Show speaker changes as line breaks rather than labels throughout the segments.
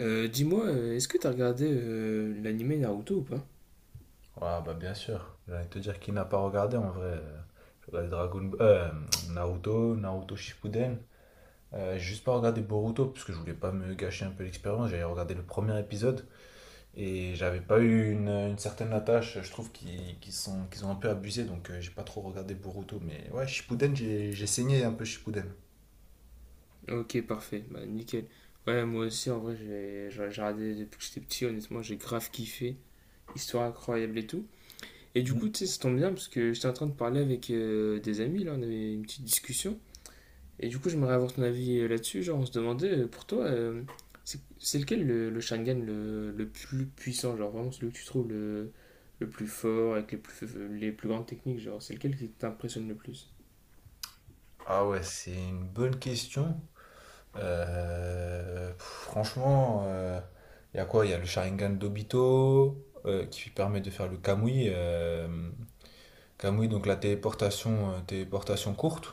Dis-moi, est-ce que t'as regardé l'anime Naruto ou pas?
Ouais, bah bien sûr. J'allais te dire qui n'a pas regardé en vrai. J'ai regardé Naruto, Naruto Shippuden. J'ai juste pas regardé Boruto parce que je voulais pas me gâcher un peu l'expérience. J'avais regardé le premier épisode et j'avais pas eu une certaine attache. Je trouve qu'ils ont un peu abusé donc j'ai pas trop regardé Boruto. Mais ouais, Shippuden, j'ai saigné un peu Shippuden.
Ok, parfait, bah nickel. Ouais, moi aussi, en vrai, j'ai regardé depuis que j'étais petit, honnêtement, j'ai grave kiffé. Histoire incroyable et tout. Et du coup,
Mhm.
tu sais, ça tombe bien parce que j'étais en train de parler avec des amis, là, on avait une petite discussion. Et du coup, j'aimerais avoir ton avis là-dessus. Genre, on se demandait, pour toi, c'est lequel le Sharingan le plus puissant? Genre, vraiment, celui que tu trouves le plus fort, avec les plus grandes techniques, genre, c'est lequel qui t'impressionne le plus?
Ah ouais, c'est une bonne question. Euh, pff, Franchement, il y a quoi? Il y a le Sharingan d'Obito, qui permet de faire le Kamui. Kamui, donc la téléportation, téléportation courte.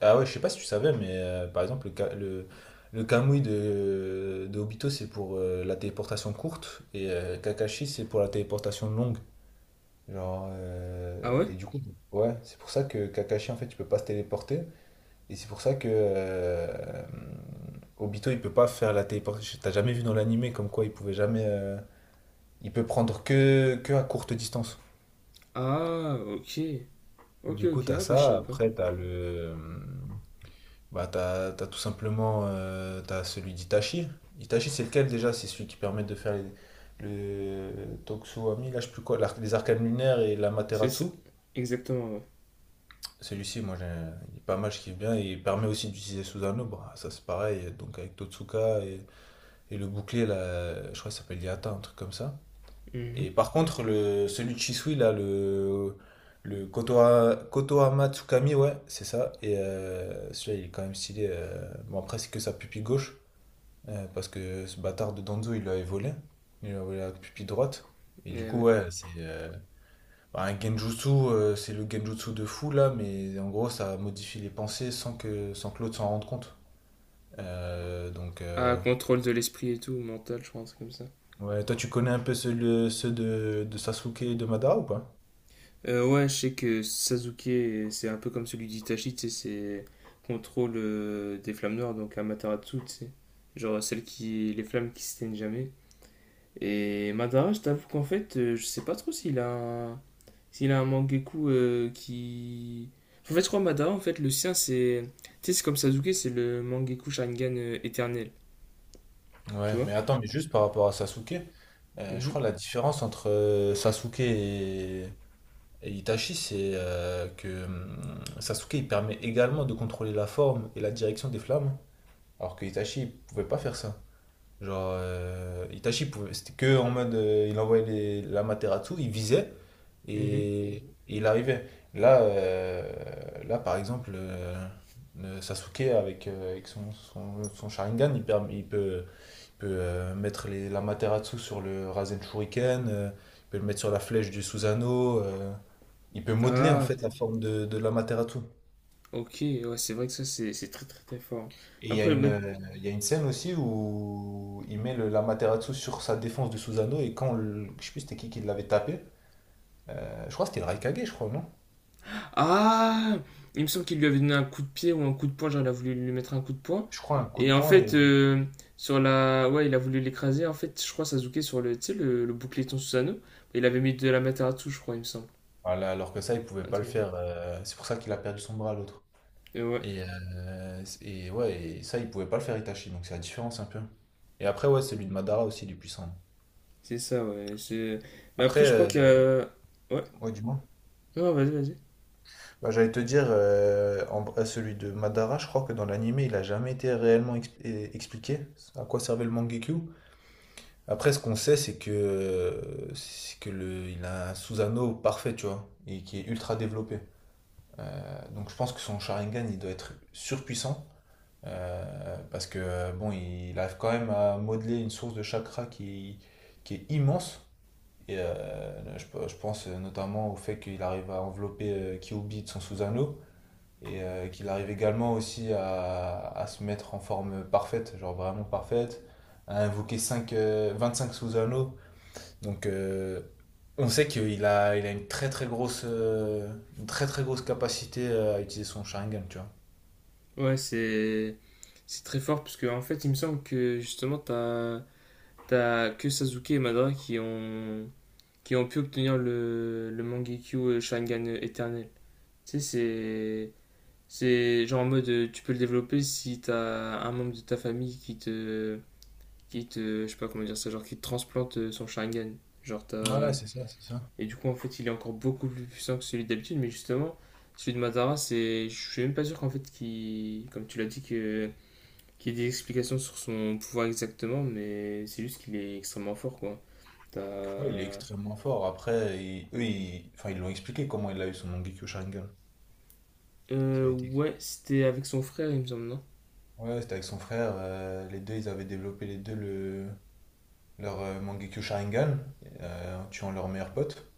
Ah ouais, je sais pas si tu savais, mais par exemple, le Kamui de Obito, c'est pour la téléportation courte, et Kakashi, c'est pour la téléportation longue. Genre,
Ah ouais?
ouais, c'est pour ça que Kakashi, en fait, il peut pas se téléporter. Et c'est pour ça que, Obito, il peut pas faire la téléportation. T'as jamais vu dans l'animé comme quoi il pouvait jamais. Il peut prendre que à courte distance.
Ah, ok. Ok,
Du coup,
ok.
t'as
Ah, bah, je
ça.
savais pas.
Après, t'as le. Euh, Bah, t'as tout simplement. T'as celui d'Itachi. Itachi, c'est lequel déjà? C'est celui qui permet de faire le Toksuami, là, je sais plus quoi, les arcanes lunaires et
C'est ça.
l'Amaterasu.
Exactement, ouais.
Celui-ci, moi, il est pas mal, je kiffe bien. Et il permet aussi d'utiliser Susanoo. Bah, ça, c'est pareil. Donc, avec Totsuka et. Et le bouclier, là, je crois qu'il s'appelle Yata, un truc comme ça.
Mhm.
Et par contre, le, celui de Shisui, là, le Kotoa, Kotohama Tsukami, ouais, c'est ça. Et celui-là, il est quand même stylé. Bon, après, c'est que sa pupille gauche, parce que ce bâtard de Danzo, il l'avait volé. Il lui a volé la pupille droite. Et du
Et
coup,
ouais.
ouais, c'est un genjutsu, c'est le genjutsu de fou, là, mais en gros, ça modifie les pensées sans que l'autre s'en rende compte. Euh, donc,
Ah,
euh,
contrôle de l'esprit et tout, mental, je pense, comme ça.
Ouais, toi tu connais un peu ceux, ceux de Sasuke et de Madara ou pas?
Ouais, je sais que Sasuke, c'est un peu comme celui d'Itachi, tu sais, c'est contrôle des flammes noires, donc Amaterasu, tu sais. Genre, celle qui. Les flammes qui s'éteignent jamais. Et Madara, je t'avoue qu'en fait, je sais pas trop un... s'il a un Mangekyou qui... En fait, je crois que Madara, en fait, le sien, c'est... Tu sais, c'est comme Sasuke, c'est le Mangekyou Sharingan éternel, tu
Ouais,
vois?
mais attends, mais juste par rapport à Sasuke, je
Mhm,
crois la différence entre, Sasuke et Itachi, c'est que, Sasuke, il permet également de contrôler la forme et la direction des flammes, alors que Itachi, il pouvait pas faire ça. Genre, Itachi pouvait, c'était que en mode, il envoyait l'Amaterasu, il visait,
mhm.
Et et il arrivait. Là par exemple, Sasuke avec son Sharingan, il peut mettre la Materasu sur le Rasen Shuriken, il peut le mettre sur la flèche du Susanoo, il peut modeler en
Ah,
fait la forme de l'Amaterasu.
ok, ouais, c'est vrai que ça, c'est très très très fort.
Et
Après, même
il y a une scène aussi où il met l'Amaterasu sur sa défense du Susanoo, et quand, je sais plus c'était qui l'avait tapé, je crois que c'était le Raikage, je crois, non?
Ah, il me semble qu'il lui avait donné un coup de pied ou un coup de poing, genre il a voulu lui mettre un coup de poing.
Je crois un coup de
Et en
poing
fait,
et...
sur la... Ouais, il a voulu l'écraser. En fait, je crois Sasuke sur le, tu sais, le boucleton Susanoo, il avait mis de la Materatsu, je crois, il me semble.
Voilà, alors que ça, il pouvait
Un
pas le
truc-
faire. C'est pour ça qu'il a perdu son bras, l'autre.
Et ouais,
Et ouais, et ça, il pouvait pas le faire Itachi, donc c'est la différence un peu. Et après, ouais, celui de Madara aussi, il est puissant.
c'est ça, Mais
Après,
après, je crois que... Ouais,
ouais, du moins.
non, vas-y.
Bah, j'allais te dire, celui de Madara, je crois que dans l'anime, il a jamais été réellement expliqué à quoi servait le Mangekyou. Après, ce qu'on sait, c'est que, il a un Susanoo parfait, tu vois, et qui est ultra développé. Donc je pense que son Sharingan, il doit être surpuissant. Parce que, bon, il arrive quand même à modeler une source de chakra qui est immense. Et, je pense notamment au fait qu'il arrive à envelopper Kyuubi de son sous-anneau, et qu'il arrive également aussi à se mettre en forme parfaite, genre vraiment parfaite, à invoquer 25 sous-anneaux. Donc, on sait il a une très très grosse capacité, à utiliser son Sharingan, tu
Ouais, c'est... C'est très fort, parce que en fait, il me semble que, justement, t'as... T'as que Sasuke et Madara qui ont pu obtenir le Mangekyo Sharingan éternel. Tu sais, c'est. C'est genre en mode, tu peux le développer si t'as un membre de ta famille qui te. Qui te. Je sais pas comment dire ça, genre qui te transplante son Sharingan. Genre
vois. Ouais,
t'as.
c'est ça, c'est ça.
Et du coup, en fait, il est encore beaucoup plus puissant que celui d'habitude, mais justement, celui de Madara, c'est. Je suis même pas sûr qu'en fait, qu'il. Comme tu l'as dit, que. Qu'il y ait des explications sur son pouvoir exactement, mais c'est juste qu'il est extrêmement fort, quoi.
Ouais, il est
T'as.
extrêmement fort. Après, enfin, ils l'ont expliqué comment il a eu son Mangekyo Sharingan. Ça a été...
Ouais, c'était avec son frère, il me semble, non?
Ouais, c'était avec son frère. Les deux, ils avaient développé les deux leur, Mangekyo Sharingan, en tuant leur meilleur pote.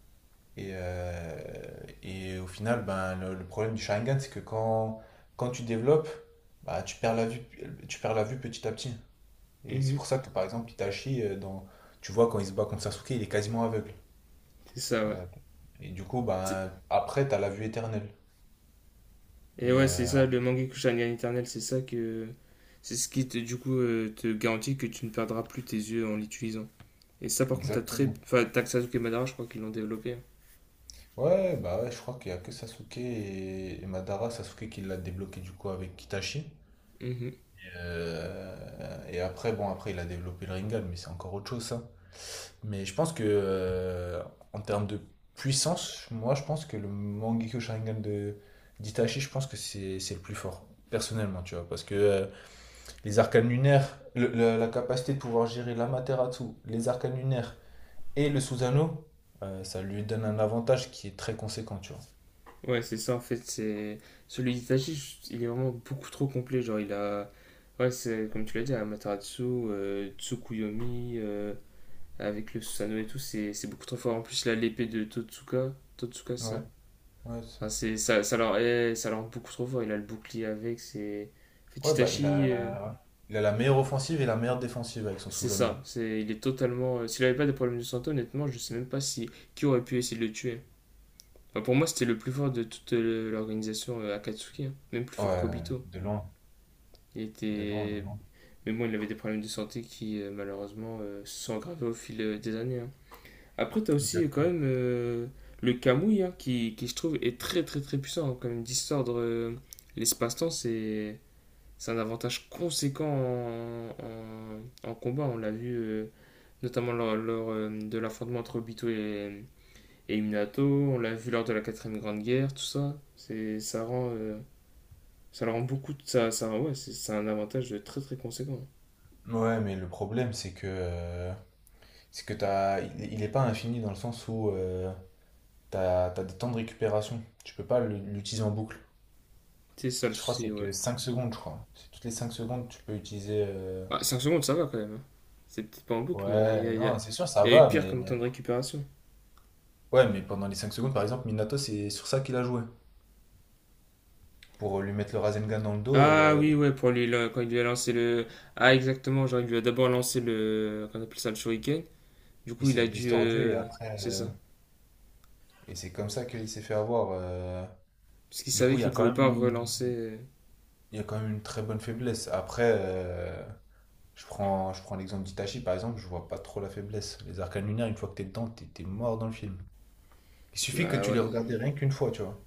Et, euh, et au final, ben, le problème du Sharingan, c'est que quand tu développes, bah, tu perds la vue petit à petit. Et c'est pour
Mhm.
ça que, par exemple, Itachi, tu vois, quand il se bat contre Sasuke, il est quasiment aveugle.
C'est ça, ouais.
Euh, et du coup, ben, après, tu as la vue éternelle.
Et
Et
ouais, c'est
euh,
ça, le
avec-
Mangekyou Gun éternel, c'est ça que. C'est ce qui, te, du coup, te garantit que tu ne perdras plus tes yeux en l'utilisant. Et ça, par contre, t'as très.
Exactement.
Enfin, t'as que Sasuke et Madara, je crois qu'ils l'ont développé, hein.
Ouais, bah ouais, je crois qu'il y a que Sasuke et Madara, Sasuke qui l'a débloqué du coup avec Kitachi.
Mhm.
Et après, bon, après, il a développé le Rinnegan, mais c'est encore autre chose, ça. Mais je pense que, en termes de puissance, moi, je pense que le Mangekyou Sharingan de d'Itachi, je pense que c'est le plus fort, personnellement, tu vois. Parce que, les arcanes lunaires, la capacité de pouvoir gérer l'Amaterasu, les arcanes lunaires, et le Susano, ça lui donne un avantage qui est très conséquent, tu vois.
Ouais, c'est ça, en fait, c'est Celui d'Itachi, il est vraiment beaucoup trop complet. Genre, il a. Ouais, c'est comme tu l'as dit, Amaterasu, Tsukuyomi, avec le Susanoo et tout, c'est beaucoup trop fort. En plus, là, l'épée de Totsuka. Totsuka,
Ouais,
ça.
ouais,
Enfin, c'est, ça, leur est, ça leur rend beaucoup trop fort. Il a le bouclier avec. C'est... En fait,
ouais, bah
Chitachi,
il a la meilleure offensive et la meilleure défensive avec son
c'est
Susano.
ça. C'est, il est totalement. S'il avait pas des problèmes de santé, honnêtement, je sais même pas si, qui aurait pu essayer de le tuer. Enfin, pour moi, c'était le plus fort de toute l'organisation Akatsuki, hein. Même plus fort
Ouais,
qu'Obito.
de loin,
Il
de loin, de
était.
loin.
Mais bon, il avait des problèmes de santé qui, malheureusement, se sont aggravés au fil des années, hein. Après, t'as aussi quand même
Exactement.
le Kamui, hein, qui, je trouve, est très très très puissant, hein. Quand même, distordre l'espace-temps, c'est un avantage conséquent en- en combat. On l'a vu notamment lors, de l'affrontement entre Obito et Minato. On l'a vu lors de la quatrième grande guerre, tout ça. C'est, ça rend, ça le rend beaucoup. Ça, ouais, c'est un avantage très très conséquent.
Ouais, mais le problème, c'est que, t'as, il est pas infini dans le sens où, t'as des temps de récupération. Tu peux pas l'utiliser en boucle.
C'est ça le
Je crois que
souci,
c'est
ouais.
que 5 secondes, je crois. C'est toutes les 5 secondes, tu peux utiliser.
Ah, 5 secondes, ça va quand même, hein. C'est peut-être pas en boucle, mais
Ouais,
il y a-
non, c'est sûr, ça
y a eu
va,
pire
mais.
comme temps de récupération.
Ouais, mais pendant les 5 secondes, par exemple, Minato, c'est sur ça qu'il a joué. Pour, lui mettre le Rasengan dans le dos,
Ah oui, ouais, pour lui, là, quand il lui a lancé le. Ah, exactement, genre il lui a d'abord lancé le. Qu'on appelle ça le shuriken. Du
il
coup, il
s'est
a dû.
distordu et après.
C'est ça.
Et c'est comme ça qu'il s'est fait avoir.
Parce qu'il
Du
savait
coup,
qu'il pouvait pas relancer.
il y a quand même une très bonne faiblesse. Après, je prends l'exemple d'Itachi, par exemple, je vois pas trop la faiblesse. Les arcanes lunaires, une fois que t'es dedans, t'es mort dans le film. Il suffit que
Bah
tu
ouais.
les regardais rien qu'une fois, tu vois.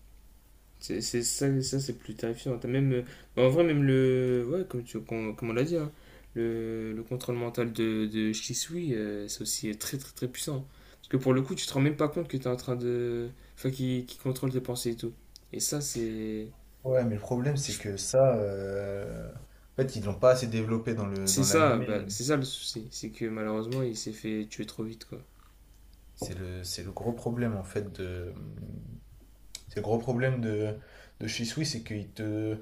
C'est ça, ça c'est plus terrifiant. T'as même. Bah, en vrai, même le. Ouais, comme, tu, com- comme on l'a dit, hein, le contrôle mental de Shisui, c'est aussi très très très puissant. Parce que pour le coup, tu te rends même pas compte que t'es en train de. Enfin, qui contrôle tes pensées et tout. Et ça, c'est.
Ouais, mais le problème, c'est que ça. En fait, ils l'ont pas assez développé dans
C'est
dans
ça, bah,
l'animé.
c'est ça le souci. C'est que malheureusement, il s'est fait tuer trop vite, quoi.
C'est le gros problème en fait de. C'est le gros problème de chez Swiss, c'est qu'ils te.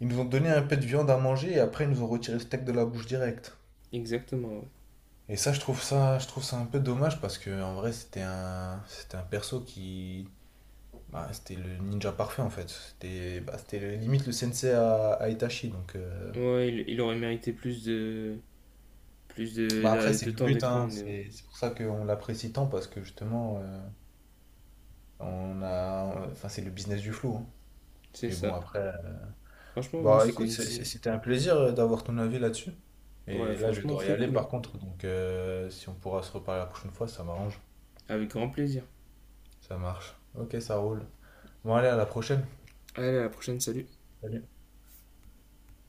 Ils nous ont donné un peu de viande à manger, et après ils nous ont retiré le steak de la bouche direct.
Exactement, ouais.
Et ça, je trouve ça un peu dommage, parce que en vrai c'était un perso qui, c'était le ninja parfait en fait. C'était limite le sensei à Itachi, donc
Ouais, il aurait mérité plus
bah après c'est
de
le
temps
but,
d'écran,
hein,
mais bon,
c'est pour ça qu'on l'apprécie tant, parce que justement, on a enfin c'est le business du flou. Hein.
c'est
Mais bon
ça.
après,
Franchement, ouais,
bah
c'était
écoute,
une.
c'était un plaisir, d'avoir ton avis là-dessus.
Ouais,
Et là, je
franchement,
vais y
très
aller
cool, hein.
par contre, donc si on pourra se reparler la prochaine fois, ça m'arrange.
Avec grand plaisir.
Ça marche. Ok, ça roule. Bon, allez, à la prochaine.
Allez, à la prochaine, salut.
Salut.